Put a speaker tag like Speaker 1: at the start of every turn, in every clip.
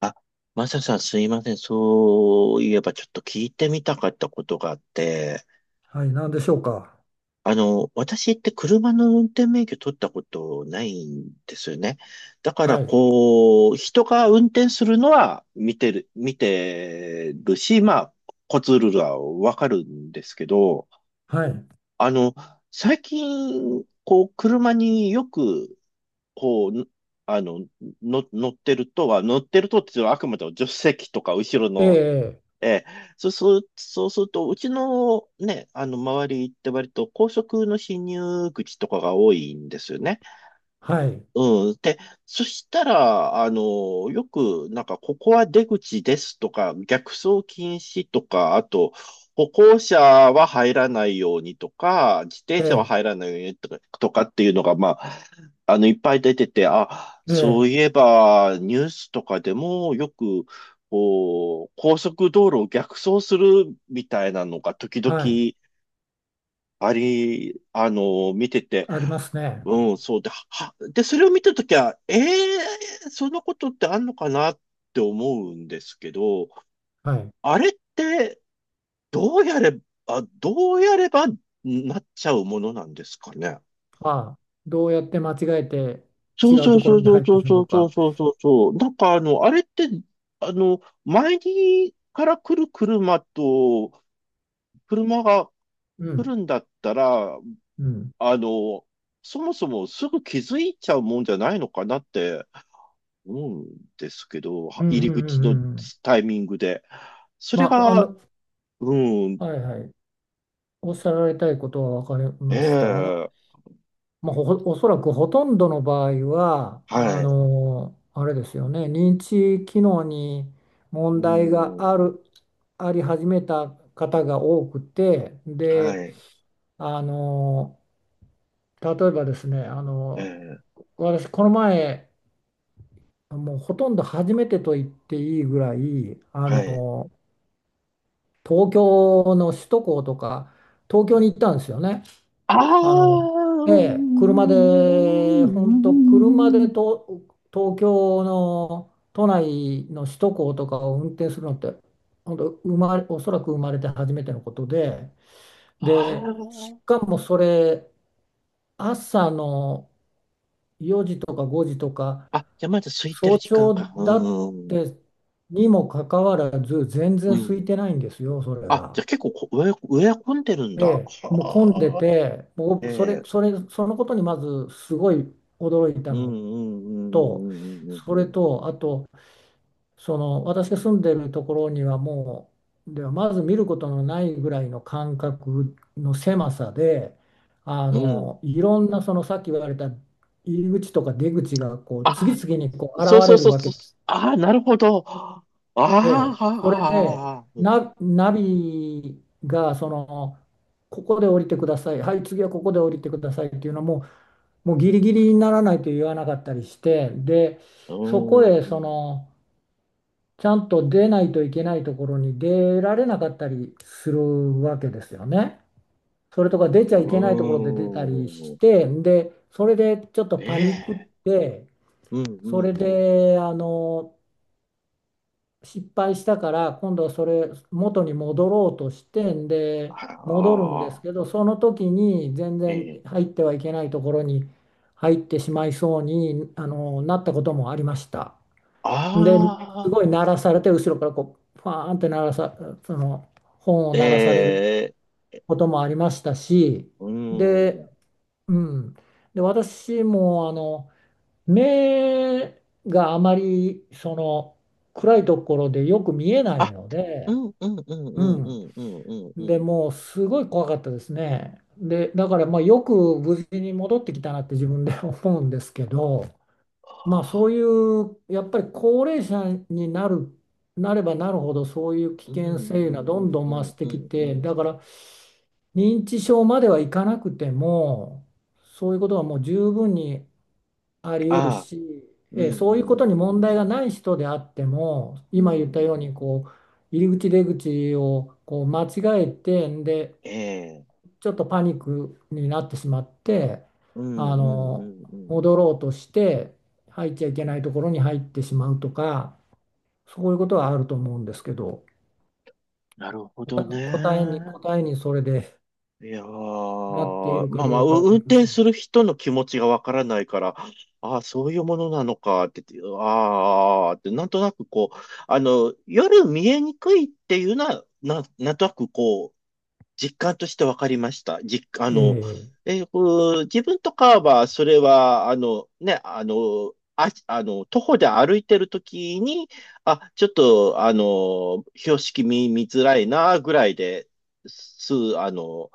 Speaker 1: あ、マサさん、すいません。そういえばちょっと聞いてみたかったことがあって、
Speaker 2: はい、何でしょうか。
Speaker 1: 私って車の運転免許取ったことないんですよね。だから
Speaker 2: はい、
Speaker 1: こう、人が運転するのは見てるし、まあ、コツルールはわかるんですけど、
Speaker 2: はい、
Speaker 1: あの、最近、こう、車によく、こう、あの、乗ってるとっていうのはあくまでも助手席とか後ろ
Speaker 2: え
Speaker 1: の。
Speaker 2: え、
Speaker 1: ええ、そうすると、うちのね、周りって割と高速の進入口とかが多いんですよね。
Speaker 2: はい、
Speaker 1: うん。で、そしたら、よく、なんか、ここは出口ですとか、逆走禁止とか、あと、歩行者は入らないようにとか、自
Speaker 2: え
Speaker 1: 転車は
Speaker 2: え、
Speaker 1: 入らないようにとか、とかっていうのが、まあ、いっぱい出てて、あ、
Speaker 2: え
Speaker 1: そ
Speaker 2: え、
Speaker 1: ういえば、ニュースとかでも、よく、こう、高速道路を逆走するみたいなのが、時々、
Speaker 2: はい、
Speaker 1: あり、あの、見てて、
Speaker 2: ありますね。
Speaker 1: うん、そうで、は、で、それを見たときは、ええーそんなことってあんのかなって思うんですけど、
Speaker 2: はい。
Speaker 1: あれって、どうやれどうやればなっちゃうものなんですかね。
Speaker 2: ああ、どうやって間違えて
Speaker 1: そ
Speaker 2: 違
Speaker 1: う
Speaker 2: う
Speaker 1: そ
Speaker 2: と
Speaker 1: う
Speaker 2: こ
Speaker 1: そ
Speaker 2: ろ
Speaker 1: う
Speaker 2: に
Speaker 1: そう
Speaker 2: 入っ
Speaker 1: そ
Speaker 2: て
Speaker 1: う
Speaker 2: しま
Speaker 1: そ
Speaker 2: う
Speaker 1: うそう
Speaker 2: か。
Speaker 1: そうそうそう。あれって、前にから来る車と、車が
Speaker 2: う
Speaker 1: 来
Speaker 2: ん、
Speaker 1: るんだったら、
Speaker 2: うん、
Speaker 1: あの、そもそもすぐ気づいちゃうもんじゃないのかなって思うんですけど、
Speaker 2: う
Speaker 1: は
Speaker 2: ん、
Speaker 1: 入
Speaker 2: うん、
Speaker 1: り
Speaker 2: う
Speaker 1: 口の
Speaker 2: ん、うん。
Speaker 1: タイミングで。それ
Speaker 2: まあ、あ
Speaker 1: が、
Speaker 2: の、
Speaker 1: うん、
Speaker 2: はい、はい。おっしゃられたいことは分かり
Speaker 1: え
Speaker 2: ました。あの、
Speaker 1: え、
Speaker 2: まあ、おそらくほとんどの場合はあ
Speaker 1: はい、
Speaker 2: のあれですよね、認知機能に
Speaker 1: う
Speaker 2: 問題があ
Speaker 1: ん、
Speaker 2: るあり始めた方が多くて、
Speaker 1: は
Speaker 2: で、
Speaker 1: い、
Speaker 2: あの、例えばですね、あ
Speaker 1: え
Speaker 2: の、
Speaker 1: え、
Speaker 2: 私この前、もうほとんど初めてと言っていいぐらい、あ
Speaker 1: はい。
Speaker 2: の、東京の首都高とか東京に行ったんですよね。
Speaker 1: あ
Speaker 2: あ
Speaker 1: あ、う
Speaker 2: の、
Speaker 1: ん、
Speaker 2: ええ、車で、本当車で、と東京の都内の首都高とかを運転するのって、本当生まれ、おそらく生まれて初めてのことで、で、し
Speaker 1: あ
Speaker 2: かもそれ、朝の4時とか5時とか、
Speaker 1: あ、あ、じゃあまだ空いてる
Speaker 2: 早
Speaker 1: 時間か。
Speaker 2: 朝だっ
Speaker 1: うん、
Speaker 2: て、にもかかわらず、全然
Speaker 1: う
Speaker 2: 空い
Speaker 1: ん。
Speaker 2: てないんですよ、それ
Speaker 1: あ、じゃ
Speaker 2: が。
Speaker 1: あ結構こ植え、植え込んでるん
Speaker 2: え
Speaker 1: だ。
Speaker 2: え、もう混んで
Speaker 1: はあ、
Speaker 2: て、も
Speaker 1: え
Speaker 2: う
Speaker 1: え、
Speaker 2: そのことにまずすごい驚いた
Speaker 1: うん、う
Speaker 2: の
Speaker 1: ん、う
Speaker 2: と、
Speaker 1: ん、
Speaker 2: そ
Speaker 1: うん、う
Speaker 2: れ
Speaker 1: ん、
Speaker 2: と、あと、その私が住んでるところにはもう、ではまず見ることのないぐらいの間隔の狭さで、あ
Speaker 1: うん。うん。
Speaker 2: の、いろんな、そのさっき言われた入り口とか出口がこう次
Speaker 1: あ、
Speaker 2: 々にこう現
Speaker 1: そうそう
Speaker 2: れる
Speaker 1: そう
Speaker 2: わ
Speaker 1: そ
Speaker 2: け
Speaker 1: う。
Speaker 2: です。
Speaker 1: ああ、なるほど。あ
Speaker 2: え
Speaker 1: あ、
Speaker 2: え、それで
Speaker 1: ああ、うん、
Speaker 2: ナビがその、ここで降りてください、はい、次はここで降りてくださいっていうのも、もうギリギリにならないと言わなかったりして、で、そこへその、ちゃんと出ないといけないところに出られなかったりするわけですよね。それとか出ちゃ
Speaker 1: う
Speaker 2: いけないところで出たり
Speaker 1: ん、う
Speaker 2: し
Speaker 1: ん。
Speaker 2: て、で、それでちょっと
Speaker 1: え
Speaker 2: パニックっ
Speaker 1: え、
Speaker 2: て、
Speaker 1: うん、うん、
Speaker 2: それ
Speaker 1: うん。
Speaker 2: であの、失敗したから今度はそれ元に戻ろうとして、んで
Speaker 1: あら
Speaker 2: 戻るんで
Speaker 1: あ
Speaker 2: す
Speaker 1: あ、
Speaker 2: けど、その時に全
Speaker 1: え
Speaker 2: 然
Speaker 1: え、
Speaker 2: 入ってはいけないところに入ってしまいそうに、あの、なったこともありました。で、すごい
Speaker 1: あ
Speaker 2: 鳴
Speaker 1: あ、
Speaker 2: らされて、後ろからこうファーンって、鳴らさその、本を
Speaker 1: え
Speaker 2: 鳴らされる
Speaker 1: え、
Speaker 2: こともありましたし、
Speaker 1: う
Speaker 2: で、
Speaker 1: ん。
Speaker 2: うん、で私もあの、目があまりその、暗いところでよく見えない
Speaker 1: あ、
Speaker 2: の
Speaker 1: う
Speaker 2: で、
Speaker 1: ん、うん、うん、
Speaker 2: う
Speaker 1: うん、う
Speaker 2: ん、
Speaker 1: ん、うん、うん、う
Speaker 2: で
Speaker 1: ん。
Speaker 2: もうすごい怖かったですね。で、だからまあよく無事に戻ってきたなって 自分で 思うんですけど、
Speaker 1: あ
Speaker 2: まあそう
Speaker 1: あ、
Speaker 2: いうやっぱり高齢者になる、なればなるほどそういう危
Speaker 1: うん、う
Speaker 2: 険性がどん
Speaker 1: ん、
Speaker 2: どん
Speaker 1: う
Speaker 2: 増
Speaker 1: ん、
Speaker 2: して
Speaker 1: う
Speaker 2: き
Speaker 1: ん、う
Speaker 2: て、だ
Speaker 1: ん。
Speaker 2: から認知症まではいかなくても、そういうことはもう十分にあり得る
Speaker 1: ああ、
Speaker 2: し、
Speaker 1: うん、
Speaker 2: そ
Speaker 1: う
Speaker 2: ういうこ
Speaker 1: ん、
Speaker 2: と
Speaker 1: う
Speaker 2: に問題
Speaker 1: ん、
Speaker 2: がない人であっても、
Speaker 1: うん、
Speaker 2: 今言
Speaker 1: う
Speaker 2: っ
Speaker 1: ん、
Speaker 2: たよう
Speaker 1: うん。
Speaker 2: にこう入り口出口をこう間違えて、で、
Speaker 1: ええ、
Speaker 2: ちょっとパニックになってしまって、
Speaker 1: うん、
Speaker 2: あ
Speaker 1: うん、う
Speaker 2: の、
Speaker 1: ん、うん。
Speaker 2: 戻ろうとして入っちゃいけないところに入ってしまうとか、そういうことはあると思うんですけど、
Speaker 1: なるほ
Speaker 2: 答
Speaker 1: どね。
Speaker 2: 答えにそれで
Speaker 1: いや
Speaker 2: なってい
Speaker 1: ー、
Speaker 2: るか
Speaker 1: まあま
Speaker 2: ど
Speaker 1: あ、
Speaker 2: うか分か
Speaker 1: 運
Speaker 2: りませ
Speaker 1: 転
Speaker 2: ん。
Speaker 1: する人の気持ちがわからないから、ああ、そういうものなのかって、ああ、って、なんとなくこう、夜見えにくいっていうのは、なんとなくこう、実感として分かりました。実、あの、
Speaker 2: ええ
Speaker 1: えーこう自分とかは、それは、徒歩で歩いてるときに、あ、ちょっと、標識見、見づらいな、ぐらいで、す、あの、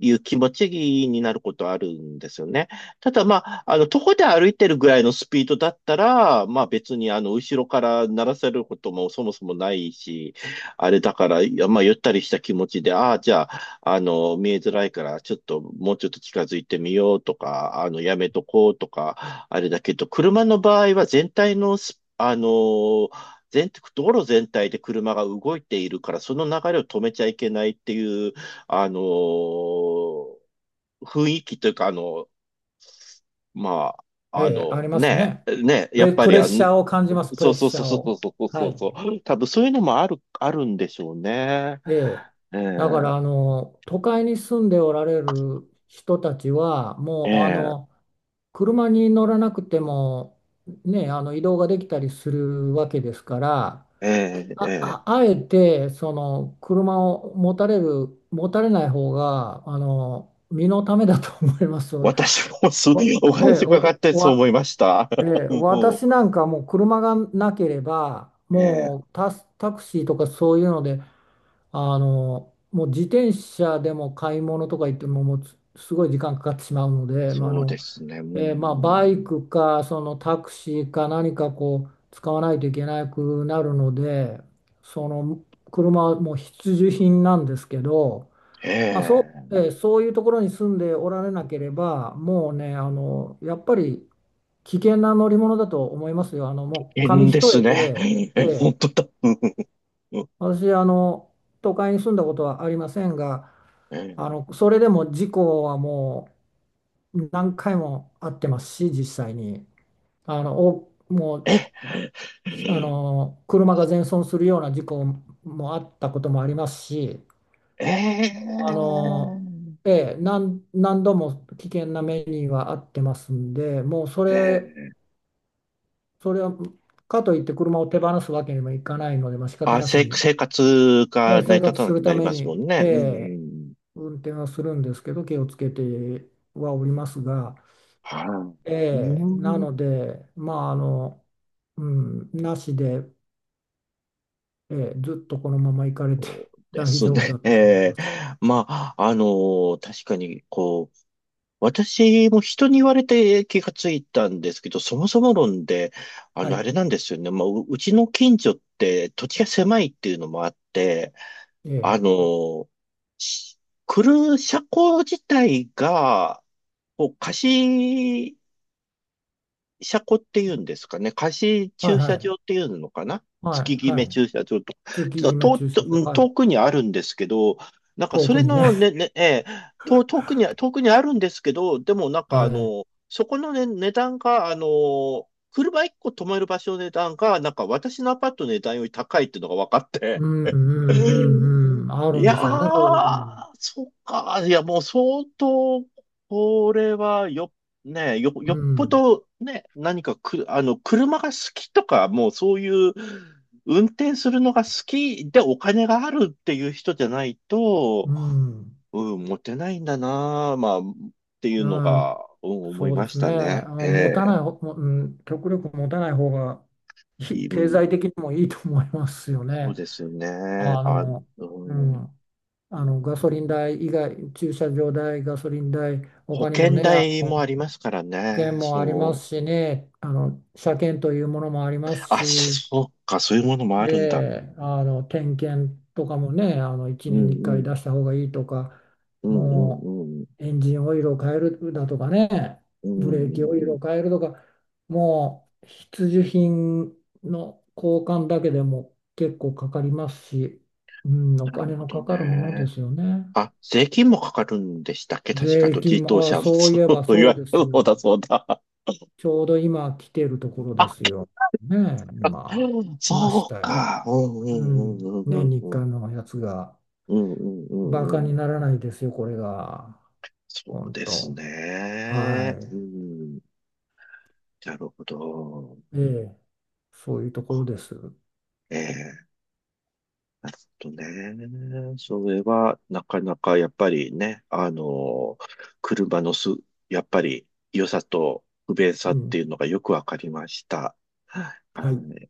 Speaker 1: いう気持ちになることあるんですよね。ただ、まあ、徒歩で歩いてるぐらいのスピードだったら、まあ別に、後ろから鳴らせることもそもそもないし、あれだから、いやまあ、ゆったりした気持ちで、ああ、じゃあ、見えづらいから、ちょっと、もうちょっと近づいてみようとか、やめとこうとか、あれだけど、車の場合は全体のス、あの、全、道路全体で車が動いているから、その流れを止めちゃいけないっていう、あの、雰囲気というか、まあ、
Speaker 2: ええありますね。プ
Speaker 1: やっ
Speaker 2: レ、
Speaker 1: ぱ
Speaker 2: プ
Speaker 1: り、
Speaker 2: レッシャーを感じます、プ
Speaker 1: そ
Speaker 2: レ
Speaker 1: う
Speaker 2: ッ
Speaker 1: そう
Speaker 2: シャ
Speaker 1: そう
Speaker 2: ー
Speaker 1: そう
Speaker 2: を。
Speaker 1: そうそう
Speaker 2: は
Speaker 1: そう
Speaker 2: い。
Speaker 1: そう、多分そういうのもある、あるんでしょうね。
Speaker 2: ええ、
Speaker 1: え
Speaker 2: だか
Speaker 1: え
Speaker 2: らあの都会に住んでおられる人たちはもう、あ
Speaker 1: え
Speaker 2: の、車に乗らなくても、ね、あの、移動ができたりするわけですから、
Speaker 1: えええ
Speaker 2: あ、
Speaker 1: え
Speaker 2: あ、
Speaker 1: え
Speaker 2: あえてその車を持たれる、持たれない方があの身のためだと思いますので、
Speaker 1: 私もそう、
Speaker 2: わ
Speaker 1: お
Speaker 2: ええ、
Speaker 1: 話伺っ
Speaker 2: お
Speaker 1: てそう
Speaker 2: わ
Speaker 1: 思いました。
Speaker 2: え え、
Speaker 1: も
Speaker 2: 私なんかもう車がなければ
Speaker 1: う、ええ、
Speaker 2: もうタクシーとかそういうので、あの、もう自転車でも買い物とか行っても、もうつすごい時間かかってしまうので、まあ、あ
Speaker 1: そうで
Speaker 2: の、
Speaker 1: すね。う
Speaker 2: まあ、バイ
Speaker 1: ん、
Speaker 2: クかそのタクシーか何かこう使わないといけなくなるので、その車はもう必需品なんですけど、まあそ
Speaker 1: え
Speaker 2: う、そういうところに住んでおられなければ、もうね、あの、やっぱり危険な乗り物だと思いますよ。あの、もう
Speaker 1: え、危
Speaker 2: 紙
Speaker 1: 険で
Speaker 2: 一
Speaker 1: す
Speaker 2: 重
Speaker 1: ね。
Speaker 2: で、
Speaker 1: え、
Speaker 2: え
Speaker 1: 本
Speaker 2: ー
Speaker 1: 当だ。うん
Speaker 2: 私、あの、都会に住んだことはありませんが、
Speaker 1: え
Speaker 2: あの、それでも事故はもう何回もあってますし、実際に。あの、お、もう、
Speaker 1: え、
Speaker 2: あ
Speaker 1: え
Speaker 2: の、車が全損するような事故もあったこともありますし、
Speaker 1: え、
Speaker 2: あの、ええ、何度も危険な目にはあってますんで、もうそ
Speaker 1: え
Speaker 2: れ、
Speaker 1: え、
Speaker 2: それは、かといって車を手放すわけにもいかないので、まあ、仕方なしに、
Speaker 1: 生活が成り
Speaker 2: 生
Speaker 1: 立
Speaker 2: 活
Speaker 1: た
Speaker 2: す
Speaker 1: なく
Speaker 2: る
Speaker 1: な
Speaker 2: た
Speaker 1: り
Speaker 2: め
Speaker 1: ますも
Speaker 2: に、
Speaker 1: んね。うん、
Speaker 2: 運転はするんですけど、気をつけてはおりますが、
Speaker 1: はい。う
Speaker 2: な
Speaker 1: ん
Speaker 2: ので、まあ、あの、うん、なしで、ずっとこのまま行かれ
Speaker 1: そ
Speaker 2: て
Speaker 1: う で
Speaker 2: 大
Speaker 1: す
Speaker 2: 丈夫だ
Speaker 1: ね。え
Speaker 2: と思いま
Speaker 1: え
Speaker 2: す。
Speaker 1: まあ、確かに、こう、私も人に言われて気がついたんですけど、そもそも論で、
Speaker 2: は
Speaker 1: あ
Speaker 2: い。
Speaker 1: れなんですよね。まあ、うちの近所って土地が狭いっていうのもあって、
Speaker 2: えー、
Speaker 1: あの、し来る車庫自体が、こう、貸し車庫っていうんですかね。貸し
Speaker 2: はい、
Speaker 1: 駐
Speaker 2: は
Speaker 1: 車
Speaker 2: い。
Speaker 1: 場っていうのかな、
Speaker 2: は
Speaker 1: 月
Speaker 2: い。
Speaker 1: 決
Speaker 2: は
Speaker 1: め
Speaker 2: い。
Speaker 1: 駐車場とか。
Speaker 2: 通気
Speaker 1: ちょ
Speaker 2: 決
Speaker 1: っ
Speaker 2: め
Speaker 1: と遠
Speaker 2: 駐車
Speaker 1: く、
Speaker 2: 場。
Speaker 1: うん
Speaker 2: は
Speaker 1: 遠
Speaker 2: い。
Speaker 1: くにあるんですけど、なんか
Speaker 2: 遠
Speaker 1: そ
Speaker 2: く
Speaker 1: れ
Speaker 2: にね。
Speaker 1: のね、ね、ねええ、遠くにあるんですけど、でもなん か
Speaker 2: は
Speaker 1: あ
Speaker 2: い。
Speaker 1: の、そこのね、値段が、あの、車1個止める場所の値段が、なんか私のアパートの値段より高いっていうのが分かっ
Speaker 2: う
Speaker 1: て、
Speaker 2: ん、うん、うん、うん。ある
Speaker 1: い
Speaker 2: ん
Speaker 1: や
Speaker 2: でしょうね、そういうこと
Speaker 1: ー、
Speaker 2: も。
Speaker 1: そっか。いや、もう相当、これはよ、ね、よ、
Speaker 2: う
Speaker 1: よっぽ
Speaker 2: ん。
Speaker 1: ど、ね、何かく、あの、車が好きとか、もうそういう、運転するのが好きでお金があるっていう人じゃない
Speaker 2: う
Speaker 1: と、
Speaker 2: ん。
Speaker 1: うん、モテないんだな、まあ、っていうの
Speaker 2: う
Speaker 1: が、
Speaker 2: ん、
Speaker 1: うん、思い
Speaker 2: そう
Speaker 1: ま
Speaker 2: で
Speaker 1: し
Speaker 2: すね。
Speaker 1: た
Speaker 2: あ
Speaker 1: ね。
Speaker 2: の持
Speaker 1: え
Speaker 2: たない、ほうん、極力持たない方がい、
Speaker 1: え、う
Speaker 2: 経
Speaker 1: ん、
Speaker 2: 済的にもいいと思いますよ
Speaker 1: そう
Speaker 2: ね。
Speaker 1: ですよね。
Speaker 2: あ
Speaker 1: あ、う
Speaker 2: の、う
Speaker 1: ん、
Speaker 2: ん、あのガソリン代以外、駐車場代、ガソリン代、
Speaker 1: 保
Speaker 2: 他にも
Speaker 1: 険
Speaker 2: ね、あ
Speaker 1: 代
Speaker 2: の
Speaker 1: も
Speaker 2: 保
Speaker 1: ありますから
Speaker 2: 険
Speaker 1: ね。
Speaker 2: もありま
Speaker 1: そう。
Speaker 2: すしね、あの車検というものもあります
Speaker 1: あ、
Speaker 2: し、
Speaker 1: そうか、そういうものもあ
Speaker 2: え
Speaker 1: るんだ。
Speaker 2: え、あの点検とかもね、あの1
Speaker 1: う
Speaker 2: 年に1
Speaker 1: んう
Speaker 2: 回
Speaker 1: ん、
Speaker 2: 出した方がいいとか、
Speaker 1: うんうんう
Speaker 2: も
Speaker 1: んうん、
Speaker 2: うエンジンオイルを変えるだとかね、
Speaker 1: う
Speaker 2: ブレーキ
Speaker 1: ん
Speaker 2: オ
Speaker 1: う
Speaker 2: イ
Speaker 1: んう
Speaker 2: ル
Speaker 1: ん。
Speaker 2: を変えるとか、もう必需品の交換だけでも結構かかりますし、うん、
Speaker 1: な
Speaker 2: お
Speaker 1: る
Speaker 2: 金
Speaker 1: ほ
Speaker 2: の
Speaker 1: ど
Speaker 2: かかるもので
Speaker 1: ね。
Speaker 2: すよね。
Speaker 1: あ、税金もかかるんでしたっけ、確か、
Speaker 2: 税
Speaker 1: と
Speaker 2: 金
Speaker 1: 自動
Speaker 2: も、ああ、
Speaker 1: 車は、
Speaker 2: そうい
Speaker 1: そ
Speaker 2: えば
Speaker 1: うい
Speaker 2: そう
Speaker 1: わ
Speaker 2: で
Speaker 1: ゆ
Speaker 2: す
Speaker 1: る方だ
Speaker 2: よ。
Speaker 1: そうだ。
Speaker 2: ちょうど今来てるところで
Speaker 1: あ、
Speaker 2: すよ。ねえ、今、来まし
Speaker 1: そう
Speaker 2: たよ。
Speaker 1: か。うんう
Speaker 2: う
Speaker 1: んう
Speaker 2: ん、
Speaker 1: んう
Speaker 2: 年
Speaker 1: ん
Speaker 2: に
Speaker 1: う
Speaker 2: 1
Speaker 1: んうん。
Speaker 2: のやつが、
Speaker 1: うんうんう
Speaker 2: バ
Speaker 1: んう
Speaker 2: カに
Speaker 1: ん。
Speaker 2: ならないですよ、これが。
Speaker 1: そう
Speaker 2: 本
Speaker 1: です
Speaker 2: 当。は
Speaker 1: ね。うん。なるほど。
Speaker 2: い。ええ、そういうところです。
Speaker 1: ええなるほどね。それは、なかなかやっぱりね、あの、車のす、やっぱり良さと不便さ
Speaker 2: う
Speaker 1: って
Speaker 2: ん。
Speaker 1: いうのがよくわかりました。は
Speaker 2: はい。
Speaker 1: い。